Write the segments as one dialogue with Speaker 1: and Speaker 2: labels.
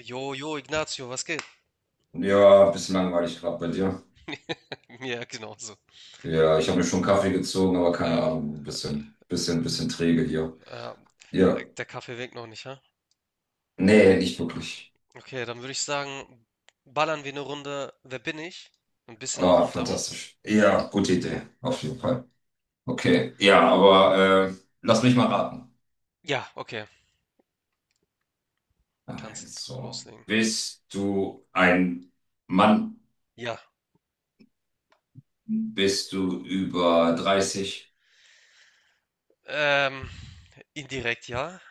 Speaker 1: Jo, jo, Ignazio, was geht?
Speaker 2: Ja, ein bisschen langweilig gerade bei dir.
Speaker 1: Ja, genauso.
Speaker 2: Ja, ich habe mir schon Kaffee gezogen, aber keine
Speaker 1: Äh,
Speaker 2: Ahnung, ein
Speaker 1: äh,
Speaker 2: bisschen träge hier.
Speaker 1: äh,
Speaker 2: Ja,
Speaker 1: der Kaffee winkt noch nicht, ha?
Speaker 2: nee, nicht wirklich.
Speaker 1: Okay, dann würde ich sagen, ballern wir eine Runde Wer bin ich? Ein bisschen
Speaker 2: Ah,
Speaker 1: Aufmunterung.
Speaker 2: fantastisch. Ja, gute Idee, auf jeden Fall. Okay, ja, aber lass mich mal raten.
Speaker 1: Ja, okay, kannst
Speaker 2: Also,
Speaker 1: loslegen.
Speaker 2: bist du ein Mann?
Speaker 1: Ja,
Speaker 2: Bist du über 30?
Speaker 1: ähm, indirekt ja.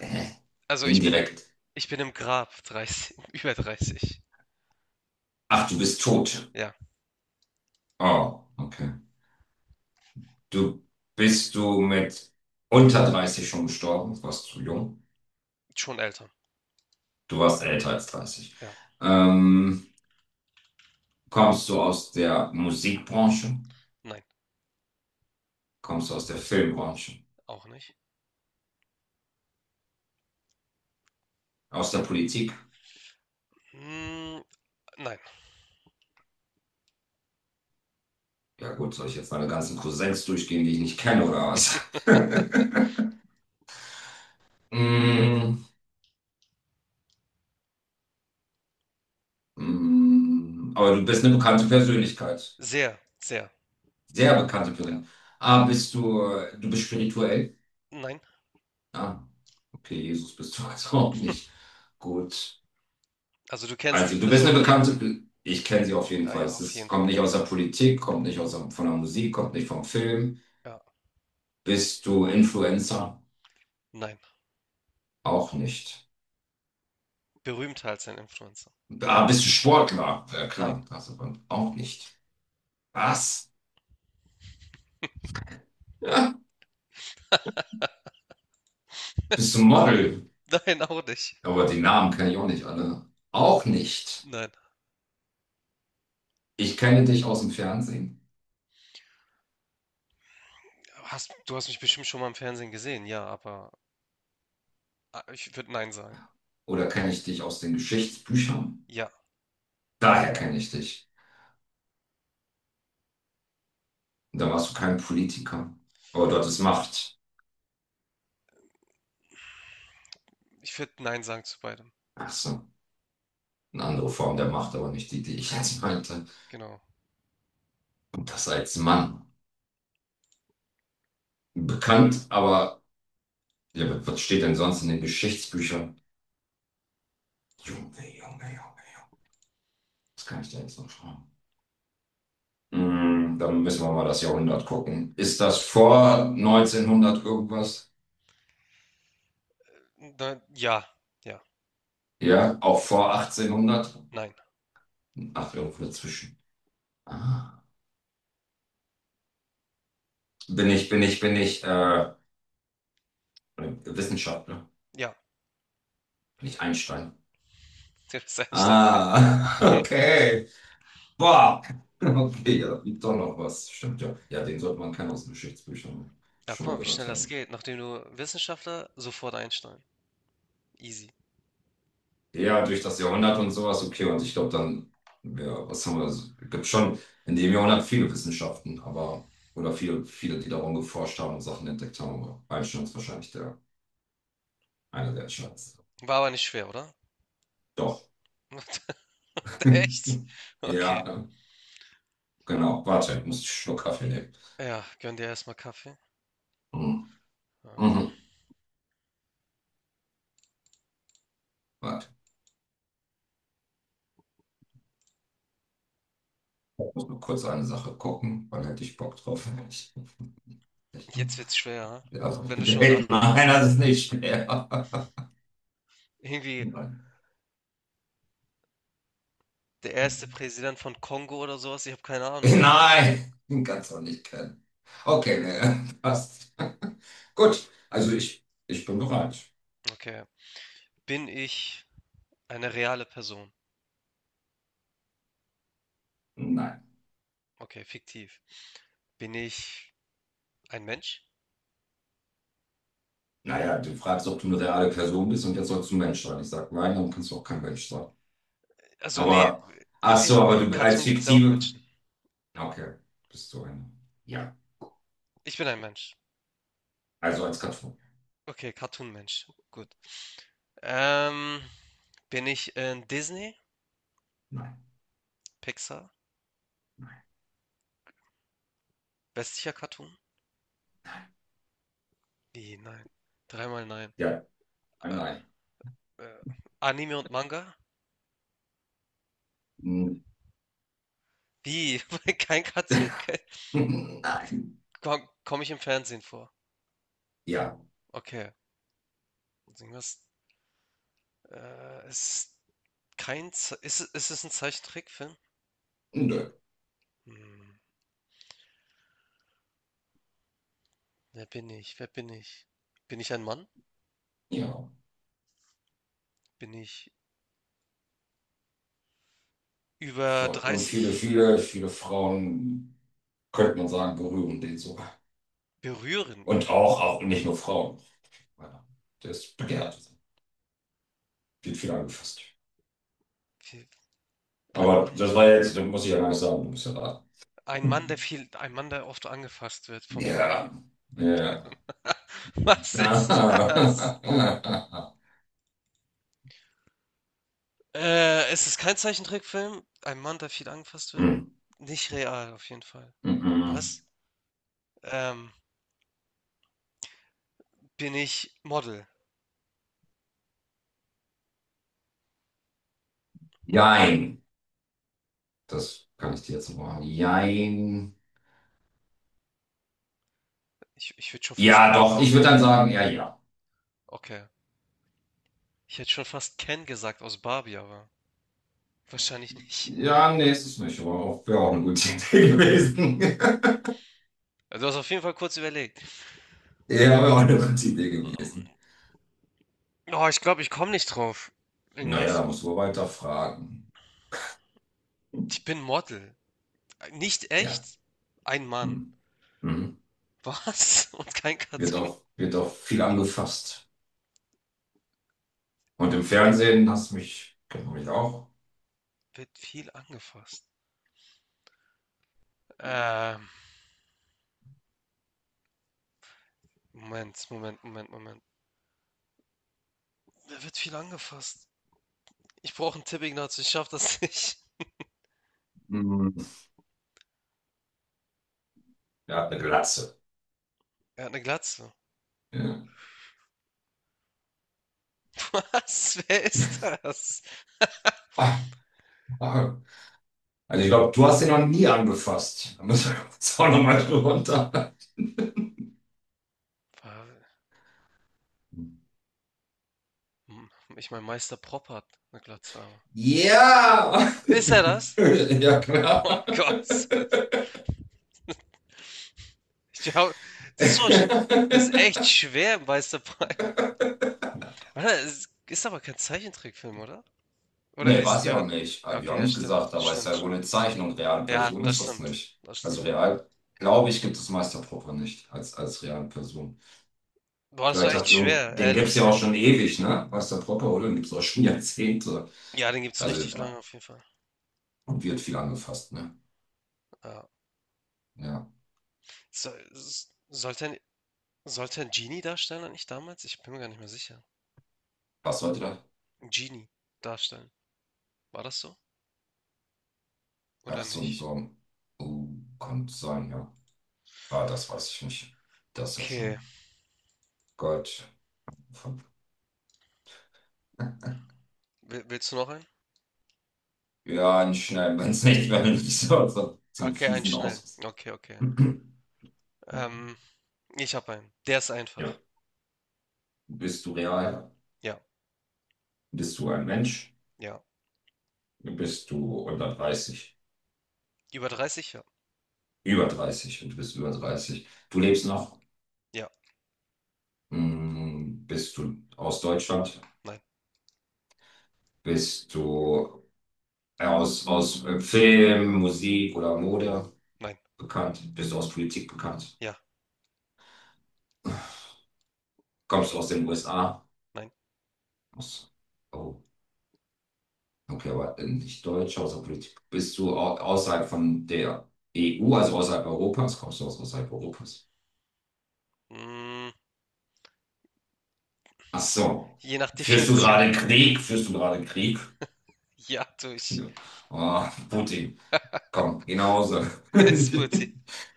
Speaker 2: Hä?
Speaker 1: Also ich bin,
Speaker 2: Indirekt.
Speaker 1: ich bin im Grab 30, über 30.
Speaker 2: Ach, du bist tot.
Speaker 1: Ja,
Speaker 2: Oh, okay. Du bist du mit unter 30 schon gestorben? Warst du jung?
Speaker 1: schon älter.
Speaker 2: Du warst älter als 30.
Speaker 1: Ja,
Speaker 2: Ähm, Kommst du aus der Musikbranche?
Speaker 1: nein,
Speaker 2: Kommst du aus der Filmbranche?
Speaker 1: auch nicht.
Speaker 2: Aus der Politik?
Speaker 1: Hm, nein,
Speaker 2: Ja gut, soll ich jetzt meine ganzen Cousins durchgehen, die ich nicht kenne oder was? Mm, aber du bist eine bekannte Persönlichkeit.
Speaker 1: sehr, sehr,
Speaker 2: Sehr bekannte
Speaker 1: ja.
Speaker 2: Persönlichkeit. Ah, du bist spirituell?
Speaker 1: Nein,
Speaker 2: Ah, okay, Jesus bist du also auch nicht. Gut.
Speaker 1: also du kennst die
Speaker 2: Also du bist
Speaker 1: Person
Speaker 2: eine
Speaker 1: auf jeden Fall.
Speaker 2: bekannte, ich kenne sie auf jeden
Speaker 1: Ah,
Speaker 2: Fall.
Speaker 1: ja,
Speaker 2: Es
Speaker 1: auf
Speaker 2: ist,
Speaker 1: jeden
Speaker 2: kommt
Speaker 1: Fall.
Speaker 2: nicht aus der Politik, kommt nicht aus der, von der Musik, kommt nicht vom Film.
Speaker 1: Ja,
Speaker 2: Bist du Influencer?
Speaker 1: nein.
Speaker 2: Auch nicht.
Speaker 1: Berühmter als ein Influencer.
Speaker 2: Ah, bist du Sportler? Ja
Speaker 1: Nein.
Speaker 2: klar, das aber auch nicht. Was? Ja, bist du Model?
Speaker 1: Nein, auch nicht.
Speaker 2: Aber die Namen kenne ich auch nicht alle. Auch nicht.
Speaker 1: Nein.
Speaker 2: Ich kenne dich aus dem Fernsehen
Speaker 1: Du hast mich bestimmt schon mal im Fernsehen gesehen, ja, aber ah, ich würde Nein sagen.
Speaker 2: oder kenne ich dich aus den Geschichtsbüchern.
Speaker 1: Ja,
Speaker 2: Daher kenne ich dich. Und da warst du kein Politiker. Aber dort ist Macht.
Speaker 1: ich würde Nein sagen zu beidem.
Speaker 2: Ach so. Eine andere Form der Macht, aber nicht die, die ich jetzt meinte.
Speaker 1: Genau.
Speaker 2: Und das als Mann. Bekannt, aber ja, was steht denn sonst in den Geschichtsbüchern? Junge, Junge, Junge. Das kann ich da jetzt noch schreiben. Mm, dann müssen wir mal das Jahrhundert gucken. Ist das vor 1900 irgendwas?
Speaker 1: Nein, ja, ja,
Speaker 2: Ja, auch vor 1800?
Speaker 1: nein.
Speaker 2: Ach, irgendwo dazwischen. Ah. Bin ich Wissenschaftler?
Speaker 1: Ja,
Speaker 2: Bin ich Einstein?
Speaker 1: der ist Einstein.
Speaker 2: Ah, okay. Boah, okay, ja, da liegt doch noch was. Stimmt ja. Ja, den sollte man kennen aus den Geschichtsbüchern
Speaker 1: Ja, guck
Speaker 2: schon mal
Speaker 1: mal, wie schnell
Speaker 2: gehört
Speaker 1: das
Speaker 2: haben.
Speaker 1: geht. Nachdem du Wissenschaftler, sofort Einstein. Easy.
Speaker 2: Ja, durch das Jahrhundert und sowas, okay. Und ich glaube dann, ja, was haben wir? Es gibt schon in dem Jahrhundert viele Wissenschaften, aber, oder viele, viele, die darum geforscht haben und Sachen entdeckt haben. Aber Einstein ist wahrscheinlich einer der entscheidendsten.
Speaker 1: War aber nicht schwer, oder?
Speaker 2: Doch.
Speaker 1: Echt? Okay.
Speaker 2: Ja, genau. Warte, ich muss einen Schluck Kaffee nehmen.
Speaker 1: Ja, gönn dir erstmal Kaffee.
Speaker 2: Mhm.
Speaker 1: Ja.
Speaker 2: Mhm. Warte, ich muss nur kurz eine Sache gucken, wann hätte ich Bock drauf? Ich,
Speaker 1: Jetzt wird's schwer, ha?
Speaker 2: ja
Speaker 1: Wenn du schon nachgucken
Speaker 2: Nein,
Speaker 1: musst.
Speaker 2: das ist nicht schwer.
Speaker 1: Irgendwie.
Speaker 2: Nein,
Speaker 1: Der erste Präsident von Kongo oder so was? Ich habe keine Ahnung.
Speaker 2: Nein, den kannst du auch nicht kennen. Okay, nee, passt. Gut, also ich bin bereit.
Speaker 1: Okay. Bin ich eine reale Person?
Speaker 2: Nein.
Speaker 1: Okay, fiktiv. Bin ich ein Mensch?
Speaker 2: Naja, du fragst, ob du eine reale Person bist und jetzt sollst du ein Mensch sein. Ich sag nein, dann kannst du auch kein Mensch sein.
Speaker 1: Also nee,
Speaker 2: Aber,
Speaker 1: i-
Speaker 2: ach
Speaker 1: im,
Speaker 2: so, aber
Speaker 1: im
Speaker 2: du als
Speaker 1: Cartoon gibt es ja auch
Speaker 2: fiktive.
Speaker 1: Menschen.
Speaker 2: Okay, bist du eine. Ja,
Speaker 1: Ich bin ein Mensch.
Speaker 2: also als Karton.
Speaker 1: Okay, Cartoon-Mensch. Gut. Ähm, bin ich in Disney?
Speaker 2: Nein.
Speaker 1: Pixar? Westlicher Cartoon? Wie, nein. Dreimal nein.
Speaker 2: Ja,
Speaker 1: Äh,
Speaker 2: nein.
Speaker 1: äh, Anime und Manga? Wie? Kein Cartoon? Komme
Speaker 2: Nein.
Speaker 1: komm komm ich im Fernsehen vor?
Speaker 2: Ja,
Speaker 1: Okay. Irgendwas, ist kein Ze ist es ein Zeichentrickfilm?
Speaker 2: nö.
Speaker 1: Hm, wer bin ich? Wer bin ich? Bin ich ein Mann?
Speaker 2: Ja.
Speaker 1: Bin ich über
Speaker 2: Voll. Und
Speaker 1: 30?
Speaker 2: viele Frauen, könnte man sagen, berühren den sogar.
Speaker 1: Berühren
Speaker 2: Und
Speaker 1: ihn.
Speaker 2: auch nicht nur Frauen. Ja, der ist begehrt. Wird viel angefasst.
Speaker 1: Viel ein
Speaker 2: Aber
Speaker 1: Mann
Speaker 2: das war jetzt, das muss ich ja gar nicht sagen, du bist ja da.
Speaker 1: ein Mann, der viel ein Mann, der oft angefasst wird von Frauen.
Speaker 2: Ja, ja.
Speaker 1: Was ist das? Es ist kein Zeichentrickfilm. Ein Mann, der viel angefasst wird.
Speaker 2: Hm,
Speaker 1: Nicht real auf jeden Fall.
Speaker 2: mhm.
Speaker 1: Was? Ähm, bin ich Model?
Speaker 2: Jein. Das kann ich dir jetzt noch machen. Jein.
Speaker 1: Ich würde schon fast
Speaker 2: Ja, doch, ich würde dann sagen, ja, ja.
Speaker 1: okay. Ich hätte schon fast Ken gesagt aus Barbie, aber wahrscheinlich nicht.
Speaker 2: Ja, nee, ist es nicht, aber auch, wäre auch eine gute Idee gewesen.
Speaker 1: Also, du hast auf jeden Fall kurz überlegt.
Speaker 2: Ja, wäre auch eine gute Idee
Speaker 1: Ähm,
Speaker 2: gewesen.
Speaker 1: Oh, ich glaube, ich komme nicht drauf.
Speaker 2: Naja, da
Speaker 1: Ignacio.
Speaker 2: muss man weiter fragen.
Speaker 1: Ich bin Model. Nicht
Speaker 2: Ja.
Speaker 1: echt? Ein Mann.
Speaker 2: Hm. Mhm.
Speaker 1: Was? Und kein Cartoon.
Speaker 2: Wird auch viel angefasst. Und im Fernsehen hast du mich, kennt man mich auch.
Speaker 1: Wird viel angefasst. Ähm, Moment, Moment, Moment, Moment. Da wird viel angefasst. Ich brauche einen Tipp, Ignacio. Ich schaff das nicht.
Speaker 2: Mhm. Der hat eine Glatze.
Speaker 1: Er hat eine Glatze.
Speaker 2: Ja.
Speaker 1: Was? Wer ist das?
Speaker 2: Ah, ah. Also ich glaube, du hast ihn noch nie angefasst. Da müssen wir jetzt auch nochmal runter.
Speaker 1: War- Hm, Ich meine, Meister Propp hat eine Glatze, aber.
Speaker 2: Ja!
Speaker 1: Ist er das?
Speaker 2: Ja, klar.
Speaker 1: Oh Gott. Ich glaube, das ist so, sch- das ist echt schwer, Meister Prime. Oder? Es ist aber kein Zeichentrickfilm, oder? Oder
Speaker 2: Nee, war
Speaker 1: ist,
Speaker 2: es ja
Speaker 1: ja,
Speaker 2: auch nicht.
Speaker 1: ja,
Speaker 2: Habe ich
Speaker 1: okay,
Speaker 2: auch
Speaker 1: ja,
Speaker 2: nicht
Speaker 1: stimmt,
Speaker 2: gesagt, aber ist
Speaker 1: stimmt,
Speaker 2: ja wohl
Speaker 1: stimmt.
Speaker 2: eine Zeichnung. Reale
Speaker 1: Ja,
Speaker 2: Person
Speaker 1: das
Speaker 2: ist das
Speaker 1: stimmt,
Speaker 2: nicht.
Speaker 1: das
Speaker 2: Also
Speaker 1: stimmt.
Speaker 2: real, glaube ich, gibt es Meister nicht als reale Person.
Speaker 1: Boah, das war
Speaker 2: Vielleicht
Speaker 1: echt
Speaker 2: hat irgend,
Speaker 1: schwer,
Speaker 2: den gibt es
Speaker 1: ehrlich.
Speaker 2: ja auch schon ewig, ne? Meister oder? Den gibt es auch schon Jahrzehnte.
Speaker 1: Ja, den gibt's
Speaker 2: Also,
Speaker 1: richtig lange
Speaker 2: ja,
Speaker 1: auf jeden Fall.
Speaker 2: und wird viel angefasst, ne?
Speaker 1: Ja.
Speaker 2: Ja.
Speaker 1: So, sollte ein Genie-Darsteller nicht damals? Ich bin mir gar nicht mehr sicher.
Speaker 2: Was sollte das?
Speaker 1: Ein Genie darstellen. War das so?
Speaker 2: Ach,
Speaker 1: Oder
Speaker 2: so ein
Speaker 1: nicht?
Speaker 2: Song. Uh, könnte sein, ja. Ah, das weiß ich nicht. Das ja
Speaker 1: Okay.
Speaker 2: schon. Gott.
Speaker 1: Willst du noch einen?
Speaker 2: Ja, nicht schnell, wenn es nicht, wenn nicht so einen
Speaker 1: Okay, einen
Speaker 2: fiesen
Speaker 1: schnellen.
Speaker 2: Ausschuss.
Speaker 1: Okay, okay. Ähm, Ich habe einen. Der ist
Speaker 2: Ja.
Speaker 1: einfach.
Speaker 2: Bist du real?
Speaker 1: Ja,
Speaker 2: Bist du ein Mensch?
Speaker 1: ja.
Speaker 2: Bist du unter 30,
Speaker 1: Über 30? Ja.
Speaker 2: über 30 und bist über 30? Du lebst noch?
Speaker 1: Ja.
Speaker 2: Hm, bist du aus Deutschland?
Speaker 1: Nein.
Speaker 2: Bist du aus Film, Musik oder Mode
Speaker 1: Nein.
Speaker 2: bekannt? Bist du aus Politik bekannt?
Speaker 1: Ja.
Speaker 2: Kommst du aus den USA?
Speaker 1: Nein.
Speaker 2: Aus, oh, okay, aber nicht Deutsch, außer Politik. Bist du au- außerhalb von der EU, also außerhalb Europas? Kommst du aus außerhalb Europas?
Speaker 1: Mm,
Speaker 2: Ach so.
Speaker 1: je nach
Speaker 2: Führst du
Speaker 1: Definition.
Speaker 2: gerade Krieg? Führst du gerade Krieg?
Speaker 1: Ja, durch.
Speaker 2: Ja. Ah, Putin, komm, geh nach Hause.
Speaker 1: Ist Politik.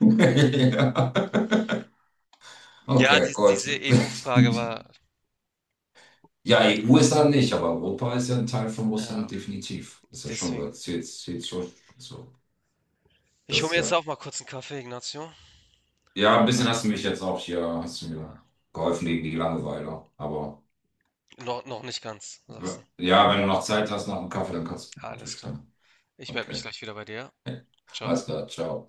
Speaker 2: Ja.
Speaker 1: Ja,
Speaker 2: Okay,
Speaker 1: dies,
Speaker 2: gut.
Speaker 1: diese EU-Frage war.
Speaker 2: Ja, EU ist dann nicht, aber Europa ist ja ein Teil von
Speaker 1: Ja,
Speaker 2: Russland, definitiv. Ist ja schon,
Speaker 1: deswegen.
Speaker 2: was, zählt schon so.
Speaker 1: Ich
Speaker 2: Das
Speaker 1: hole
Speaker 2: ist
Speaker 1: mir jetzt
Speaker 2: ja.
Speaker 1: auch mal kurz einen Kaffee, Ignacio.
Speaker 2: Ja, ein
Speaker 1: Und
Speaker 2: bisschen
Speaker 1: dann.
Speaker 2: hast du mich jetzt auch hier, hast du mir
Speaker 1: Ah,
Speaker 2: geholfen gegen die Langeweile. Aber
Speaker 1: noch nicht ganz, sagst du.
Speaker 2: ja, wenn du noch Zeit hast nach dem Kaffee, dann kannst du noch
Speaker 1: Alles klar.
Speaker 2: durchstellen.
Speaker 1: Ich melde mich
Speaker 2: Okay.
Speaker 1: gleich wieder bei dir. Ciao.
Speaker 2: Alles klar, ciao.